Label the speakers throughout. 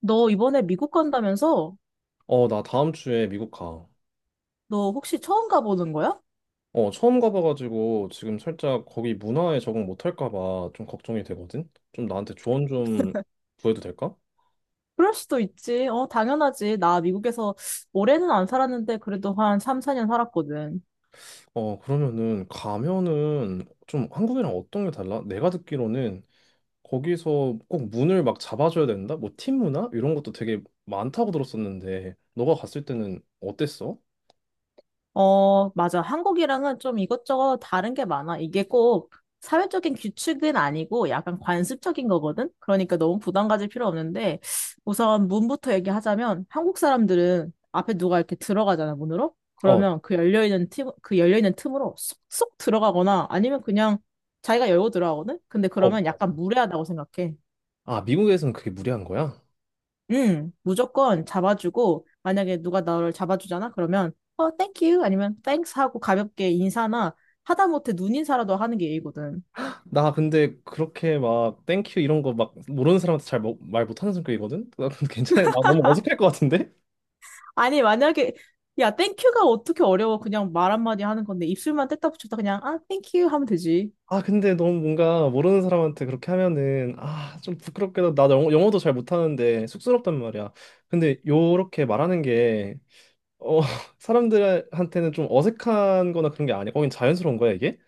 Speaker 1: 너 이번에 미국 간다면서?
Speaker 2: 어, 나 다음 주에 미국 가.
Speaker 1: 너 혹시 처음 가보는 거야?
Speaker 2: 어, 처음 가봐가지고 지금 살짝 거기 문화에 적응 못할까 봐 좀 걱정이 되거든? 좀 나한테 조언 좀 구해도 될까?
Speaker 1: 그럴 수도 있지. 당연하지. 나 미국에서 오래는 안 살았는데 그래도 한 3, 4년 살았거든.
Speaker 2: 어, 그러면은 가면은 좀 한국이랑 어떤 게 달라? 내가 듣기로는 거기서 꼭 문을 막 잡아줘야 된다? 뭐 팀 문화? 이런 것도 되게 많다고 들었었는데 너가 갔을 때는 어땠어?
Speaker 1: 맞아. 한국이랑은 좀 이것저것 다른 게 많아. 이게 꼭 사회적인 규칙은 아니고 약간 관습적인 거거든? 그러니까 너무 부담 가질 필요 없는데 우선 문부터 얘기하자면 한국 사람들은 앞에 누가 이렇게 들어가잖아, 문으로?
Speaker 2: 어,
Speaker 1: 그러면 그 열려있는 틈, 그 열려있는 틈으로 쏙쏙 들어가거나 아니면 그냥 자기가 열고 들어가거든? 근데
Speaker 2: 어,
Speaker 1: 그러면
Speaker 2: 맞아.
Speaker 1: 약간 무례하다고 생각해.
Speaker 2: 아, 미국에서는 그게 무리한 거야?
Speaker 1: 응, 무조건 잡아주고, 만약에 누가 나를 잡아주잖아? 그러면, thank you 아니면 thanks 하고 가볍게 인사나 하다못해 눈인사라도 하는 게 예의거든.
Speaker 2: 나 근데 그렇게 막 땡큐 이런 거 막 모르는 사람한테 잘 뭐, 말 못하는 성격이거든? 나 근데 괜찮아. 나 너무 어색할 것 같은데?
Speaker 1: 아니, 만약에, 야, thank you가 어떻게 어려워. 그냥 말 한마디 하는 건데, 입술만 뗐다 붙였다 그냥, 아, thank you 하면 되지.
Speaker 2: 아 근데 너무 뭔가 모르는 사람한테 그렇게 하면은 아 좀 부끄럽게도 나 영어, 영어도 잘 못하는데 쑥스럽단 말이야. 근데 요렇게 말하는 게 어, 사람들한테는 좀 어색한 거나 그런 게 아니야. 거긴 자연스러운 거야 이게?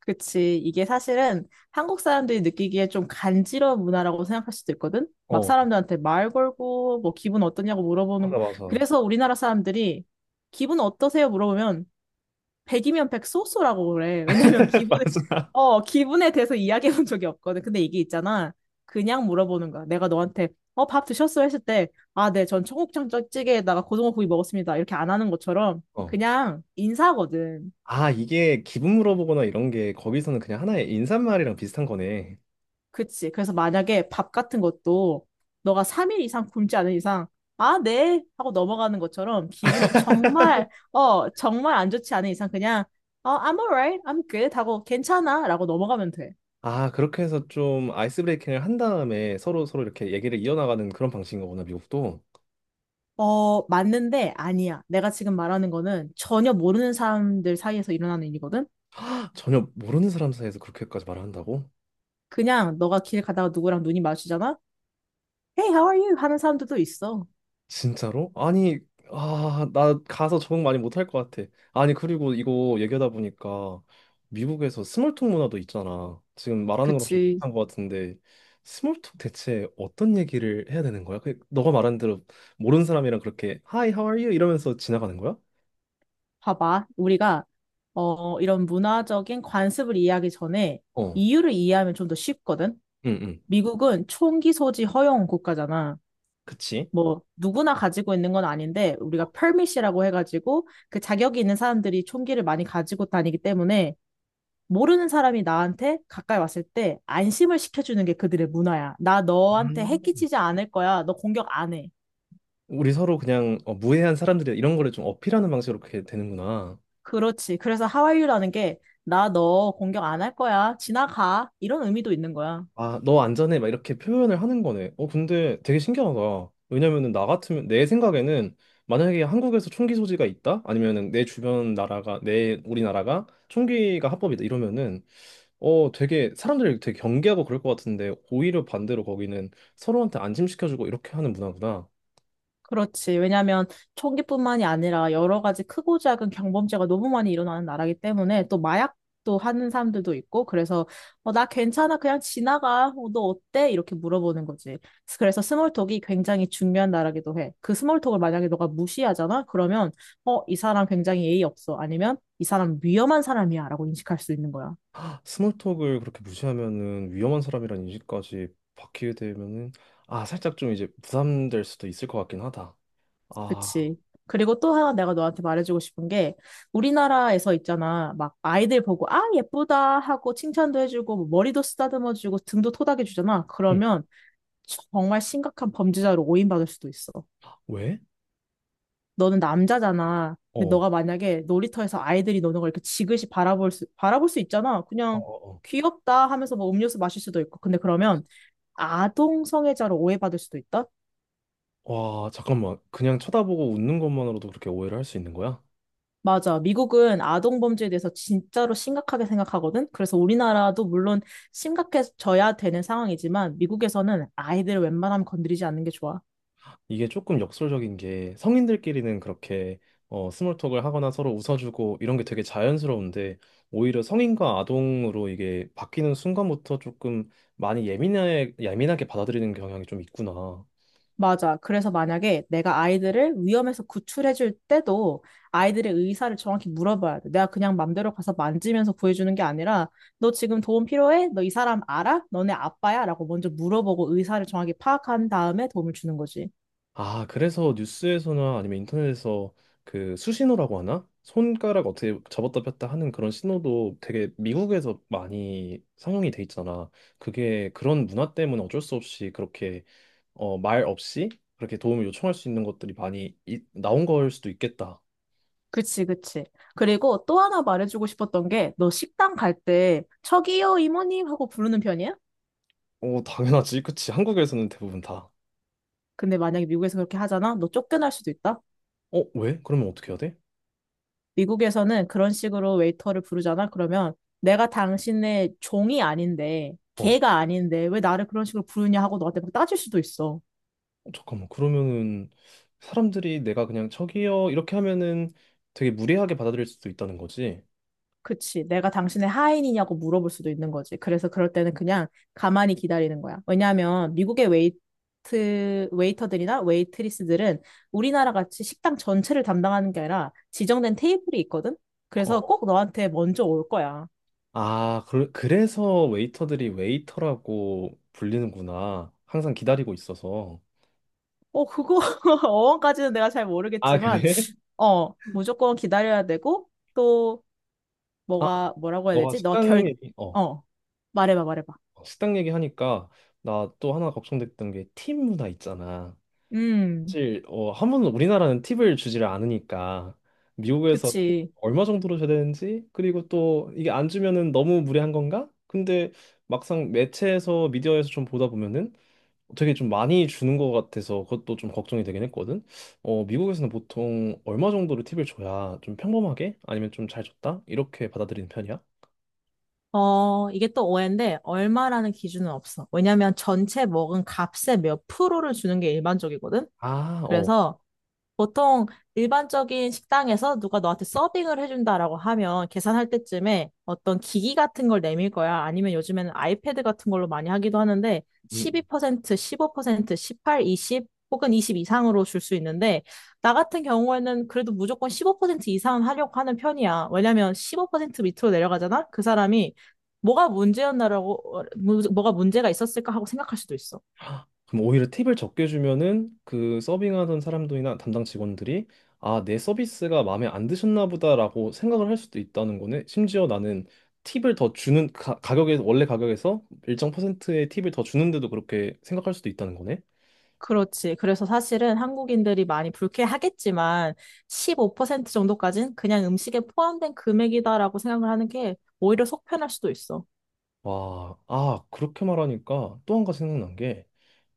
Speaker 1: 그치. 이게 사실은 한국 사람들이 느끼기에 좀 간지러운 문화라고 생각할 수도 있거든? 막
Speaker 2: 어,
Speaker 1: 사람들한테 말 걸고, 뭐, 기분 어떠냐고 물어보는 거.
Speaker 2: 맞아 맞아.
Speaker 1: 그래서 우리나라 사람들이, 기분 어떠세요? 물어보면, 100이면 100 소소라고 그래. 왜냐면 기분에,
Speaker 2: 맞아.
Speaker 1: 기분에 대해서 이야기해 본 적이 없거든. 근데 이게 있잖아. 그냥 물어보는 거야. 내가 너한테, 밥 드셨어? 했을 때, 아, 네, 전 청국장 찌개에다가 고등어구이 먹었습니다. 이렇게 안 하는 것처럼
Speaker 2: 어.
Speaker 1: 그냥 인사거든.
Speaker 2: 아 이게 기분 물어보거나 이런 게 거기서는 그냥 하나의 인사말이랑 비슷한 거네.
Speaker 1: 그치. 그래서 만약에 밥 같은 것도 너가 3일 이상 굶지 않은 이상, 아, 네. 하고 넘어가는 것처럼 기분이 정말, 정말 안 좋지 않은 이상 그냥, I'm alright. I'm good. 하고 괜찮아. 라고 넘어가면 돼.
Speaker 2: 아, 그렇게 해서 좀 아이스 브레이킹을 한 다음에 서로 서로 이렇게 얘기를 이어나가는 그런 방식인가 보나, 미국도.
Speaker 1: 맞는데 아니야. 내가 지금 말하는 거는 전혀 모르는 사람들 사이에서 일어나는 일이거든?
Speaker 2: 전혀 모르는 사람 사이에서 그렇게까지 말을 한다고?
Speaker 1: 그냥 너가 길 가다가 누구랑 눈이 마주치잖아? Hey, how are you? 하는 사람들도 있어.
Speaker 2: 진짜로? 아니, 아, 나 가서 적응 많이 못할 것 같아. 아니, 그리고 이거 얘기하다 보니까 미국에서 스몰톡 문화도 있잖아. 지금 말하는 거랑 좀
Speaker 1: 그치.
Speaker 2: 비슷한 것 같은데, 스몰톡 대체 어떤 얘기를 해야 되는 거야? 그 너가 말한 대로 모르는 사람이랑 그렇게 Hi, how are you? 이러면서 지나가는 거야?
Speaker 1: 봐봐. 우리가, 이런 문화적인 관습을 이해하기 전에
Speaker 2: 어,
Speaker 1: 이유를 이해하면 좀 더 쉽거든?
Speaker 2: 응, 응.
Speaker 1: 미국은 총기 소지 허용 국가잖아.
Speaker 2: 그치?
Speaker 1: 뭐, 누구나 가지고 있는 건 아닌데,
Speaker 2: 어.
Speaker 1: 우리가 permit이라고 해가지고, 그 자격이 있는 사람들이 총기를 많이 가지고 다니기 때문에, 모르는 사람이 나한테 가까이 왔을 때 안심을 시켜주는 게 그들의 문화야. 나 너한테 해 끼치지 않을 거야. 너 공격 안 해.
Speaker 2: 우리 서로 그냥 어, 무해한 사람들이다 이런 거를 좀 어필하는 방식으로 그렇게 되는구나.
Speaker 1: 그렇지. 그래서 하와이유라는 게 나 너 공격 안 할 거야. 지나가. 이런 의미도 있는 거야.
Speaker 2: 아, 너 안전해 막 이렇게 표현을 하는 거네. 어, 근데 되게 신기하다. 왜냐면은 나 같으면 내 생각에는 만약에 한국에서 총기 소지가 있다? 아니면은 내 주변 나라가 내 우리나라가 총기가 합법이다 이러면은 어 되게 사람들이 되게 경계하고 그럴 것 같은데 오히려 반대로 거기는 서로한테 안심시켜주고 이렇게 하는 문화구나.
Speaker 1: 그렇지. 왜냐하면 총기뿐만이 아니라 여러 가지 크고 작은 경범죄가 너무 많이 일어나는 나라기 때문에 또 마약도 하는 사람들도 있고 그래서 나 괜찮아 그냥 지나가 어, 너 어때? 이렇게 물어보는 거지. 그래서 스몰톡이 굉장히 중요한 나라기도 해. 그 스몰톡을 만약에 너가 무시하잖아? 그러면 이 사람 굉장히 예의 없어. 아니면 이 사람 위험한 사람이야 라고 인식할 수 있는 거야.
Speaker 2: 스몰톡을 그렇게 무시하면은 위험한 사람이란 인식까지 받게 되면은 아 살짝 좀 이제 부담될 수도 있을 것 같긴 하다. 아
Speaker 1: 그치. 그리고 또 하나 내가 너한테 말해주고 싶은 게 우리나라에서 있잖아. 막 아이들 보고 아 예쁘다 하고 칭찬도 해주고 뭐 머리도 쓰다듬어주고 등도 토닥여주잖아.
Speaker 2: 응.
Speaker 1: 그러면 정말 심각한 범죄자로 오인받을 수도 있어.
Speaker 2: 왜?
Speaker 1: 너는 남자잖아. 근데
Speaker 2: 어.
Speaker 1: 너가 만약에 놀이터에서 아이들이 노는 걸 이렇게 지그시 바라볼 수 있잖아.
Speaker 2: 어,
Speaker 1: 그냥
Speaker 2: 어,
Speaker 1: 귀엽다 하면서 뭐 음료수 마실 수도 있고. 근데 그러면 아동 성애자로 오해받을 수도 있다.
Speaker 2: 어. 와 잠깐만 그냥 쳐다보고 웃는 것만으로도 그렇게 오해를 할 수 있는 거야?
Speaker 1: 맞아. 미국은 아동 범죄에 대해서 진짜로 심각하게 생각하거든. 그래서 우리나라도 물론 심각해져야 되는 상황이지만 미국에서는 아이들을 웬만하면 건드리지 않는 게 좋아.
Speaker 2: 이게 조금 역설적인 게 성인들끼리는 그렇게 어, 스몰톡을 하거나 서로 웃어주고 이런 게 되게 자연스러운데 오히려 성인과 아동으로 이게 바뀌는 순간부터 조금 많이 예민하게 받아들이는 경향이 좀 있구나.
Speaker 1: 맞아. 그래서 만약에 내가 아이들을 위험에서 구출해줄 때도 아이들의 의사를 정확히 물어봐야 돼. 내가 그냥 맘대로 가서 만지면서 구해주는 게 아니라 너 지금 도움 필요해? 너 이 사람 알아? 너네 아빠야? 라고 먼저 물어보고 의사를 정확히 파악한 다음에 도움을 주는 거지.
Speaker 2: 아, 그래서 뉴스에서나 아니면 인터넷에서 그 수신호라고 하나? 손가락 어떻게 접었다 폈다 하는 그런 신호도 되게 미국에서 많이 상용이 돼 있잖아. 그게 그런 문화 때문에 어쩔 수 없이 그렇게 어, 말 없이 그렇게 도움을 요청할 수 있는 것들이 많이 나온 걸 수도 있겠다.
Speaker 1: 그치, 그치. 그리고 또 하나 말해주고 싶었던 게, 너 식당 갈 때, 저기요, 이모님! 하고 부르는 편이야?
Speaker 2: 어, 당연하지. 그치. 한국에서는 대부분 다.
Speaker 1: 근데 만약에 미국에서 그렇게 하잖아? 너 쫓겨날 수도 있다?
Speaker 2: 어, 왜? 그러면 어떻게 해야 돼?
Speaker 1: 미국에서는 그런 식으로 웨이터를 부르잖아? 그러면 내가 당신의 종이 아닌데,
Speaker 2: 어,
Speaker 1: 개가 아닌데, 왜 나를 그런 식으로 부르냐 하고 너한테 막 따질 수도 있어.
Speaker 2: 어, 잠깐만. 그러면은 사람들이 내가 그냥 저기요 이렇게 하면은 되게 무례하게 받아들일 수도 있다는 거지.
Speaker 1: 그치. 내가 당신의 하인이냐고 물어볼 수도 있는 거지. 그래서 그럴 때는 그냥 가만히 기다리는 거야. 왜냐하면 미국의 웨이터들이나 웨이트리스들은 우리나라 같이 식당 전체를 담당하는 게 아니라 지정된 테이블이 있거든? 그래서 꼭 너한테 먼저 올 거야.
Speaker 2: 아, 그, 그래서 웨이터들이 웨이터라고 불리는구나. 항상 기다리고 있어서.
Speaker 1: 그거, 어원까지는 내가 잘
Speaker 2: 아,
Speaker 1: 모르겠지만,
Speaker 2: 그래?
Speaker 1: 무조건 기다려야 되고, 또,
Speaker 2: 아,
Speaker 1: 뭐가, 뭐라고 해야
Speaker 2: 너가
Speaker 1: 되지? 너가 결,
Speaker 2: 식당 얘기, 어,
Speaker 1: 어, 말해봐, 말해봐.
Speaker 2: 식당 얘기하니까 나 또 하나 걱정됐던 게 팁 문화 있잖아.
Speaker 1: 음,
Speaker 2: 사실, 어, 한 번은 우리나라는 팁을 주지를 않으니까 미국에서 팁
Speaker 1: 그치.
Speaker 2: 얼마 정도로 줘야 되는지, 그리고 또 이게 안 주면은 너무 무례한 건가? 근데 막상 매체에서 미디어에서 좀 보다 보면은 되게 좀 많이 주는 것 같아서 그것도 좀 걱정이 되긴 했거든. 어, 미국에서는 보통 얼마 정도로 팁을 줘야 좀 평범하게 아니면 좀 잘 줬다? 이렇게 받아들이는 편이야?
Speaker 1: 이게 또 오해인데, 얼마라는 기준은 없어. 왜냐면 전체 먹은 값의 몇 프로를 주는 게 일반적이거든?
Speaker 2: 아, 어.
Speaker 1: 그래서 보통 일반적인 식당에서 누가 너한테 서빙을 해준다라고 하면 계산할 때쯤에 어떤 기기 같은 걸 내밀 거야. 아니면 요즘에는 아이패드 같은 걸로 많이 하기도 하는데,
Speaker 2: 음.
Speaker 1: 12%, 15%, 18, 20, 혹은 20 이상으로 줄 수 있는데, 나 같은 경우에는 그래도 무조건 15% 이상은 하려고 하는 편이야. 왜냐면 15% 밑으로 내려가잖아? 그 사람이 뭐가 문제였나라고, 뭐가 문제가 있었을까 하고 생각할 수도 있어.
Speaker 2: 그럼 오히려 팁을 적게 주면은 그 서빙하던 사람들이나 담당 직원들이 아, 내 서비스가 마음에 안 드셨나 보다라고 생각을 할 수도 있다는 거네. 심지어 나는 팁을 더 주는 가, 가격에 원래 가격에서 일정 퍼센트의 팁을 더 주는데도 그렇게 생각할 수도 있다는 거네.
Speaker 1: 그렇지. 그래서 사실은 한국인들이 많이 불쾌하겠지만 15% 정도까지는 그냥 음식에 포함된 금액이다라고 생각을 하는 게 오히려 속편할 수도 있어.
Speaker 2: 와, 아, 그렇게 말하니까 또 한 가지 생각난 게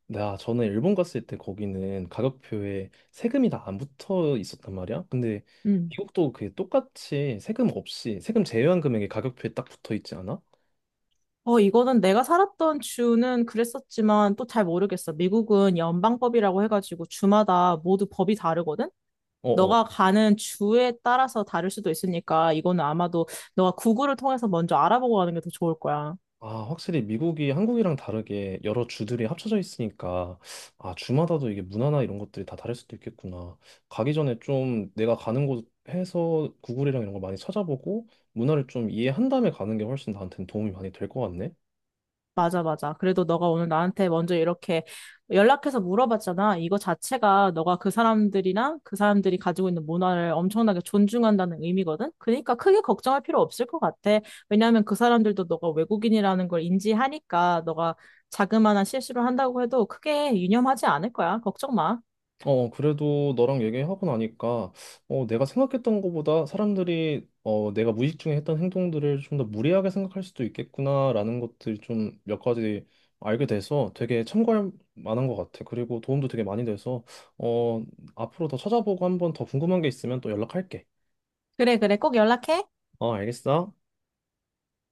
Speaker 2: 네, 아, 저는 일본 갔을 때 거기는 가격표에 세금이 다 안 붙어 있었단 말이야. 근데
Speaker 1: 음.
Speaker 2: 미국도 그게 똑같이 세금 없이 세금 제외한 금액이 가격표에 딱 붙어 있지 않아?
Speaker 1: 이거는 내가 살았던 주는 그랬었지만 또 잘 모르겠어. 미국은 연방법이라고 해가지고 주마다 모두 법이 다르거든?
Speaker 2: 어어.
Speaker 1: 너가 가는 주에 따라서 다를 수도 있으니까 이거는 아마도 너가 구글을 통해서 먼저 알아보고 가는 게 더 좋을 거야.
Speaker 2: 아, 확실히 미국이 한국이랑 다르게 여러 주들이 합쳐져 있으니까 아, 주마다도 이게 문화나 이런 것들이 다 다를 수도 있겠구나. 가기 전에 좀 내가 가는 곳 해서 구글이랑 이런 거 많이 찾아보고 문화를 좀 이해한 다음에 가는 게 훨씬 나한테는 도움이 많이 될 것 같네.
Speaker 1: 맞아, 맞아. 그래도 너가 오늘 나한테 먼저 이렇게 연락해서 물어봤잖아. 이거 자체가 너가 그 사람들이나 그 사람들이 가지고 있는 문화를 엄청나게 존중한다는 의미거든? 그러니까 크게 걱정할 필요 없을 것 같아. 왜냐하면 그 사람들도 너가 외국인이라는 걸 인지하니까 너가 자그마한 실수를 한다고 해도 크게 유념하지 않을 거야. 걱정 마.
Speaker 2: 어, 그래도 너랑 얘기하고 나니까, 어, 내가 생각했던 것보다 사람들이, 어, 내가 무의식 중에 했던 행동들을 좀 더 무리하게 생각할 수도 있겠구나라는 것들 좀 몇 가지 알게 돼서 되게 참고할 만한 것 같아. 그리고 도움도 되게 많이 돼서, 어, 앞으로 더 찾아보고 한번 더 궁금한 게 있으면 또 연락할게.
Speaker 1: 그래, 그래. 꼭 연락해.
Speaker 2: 어, 알겠어?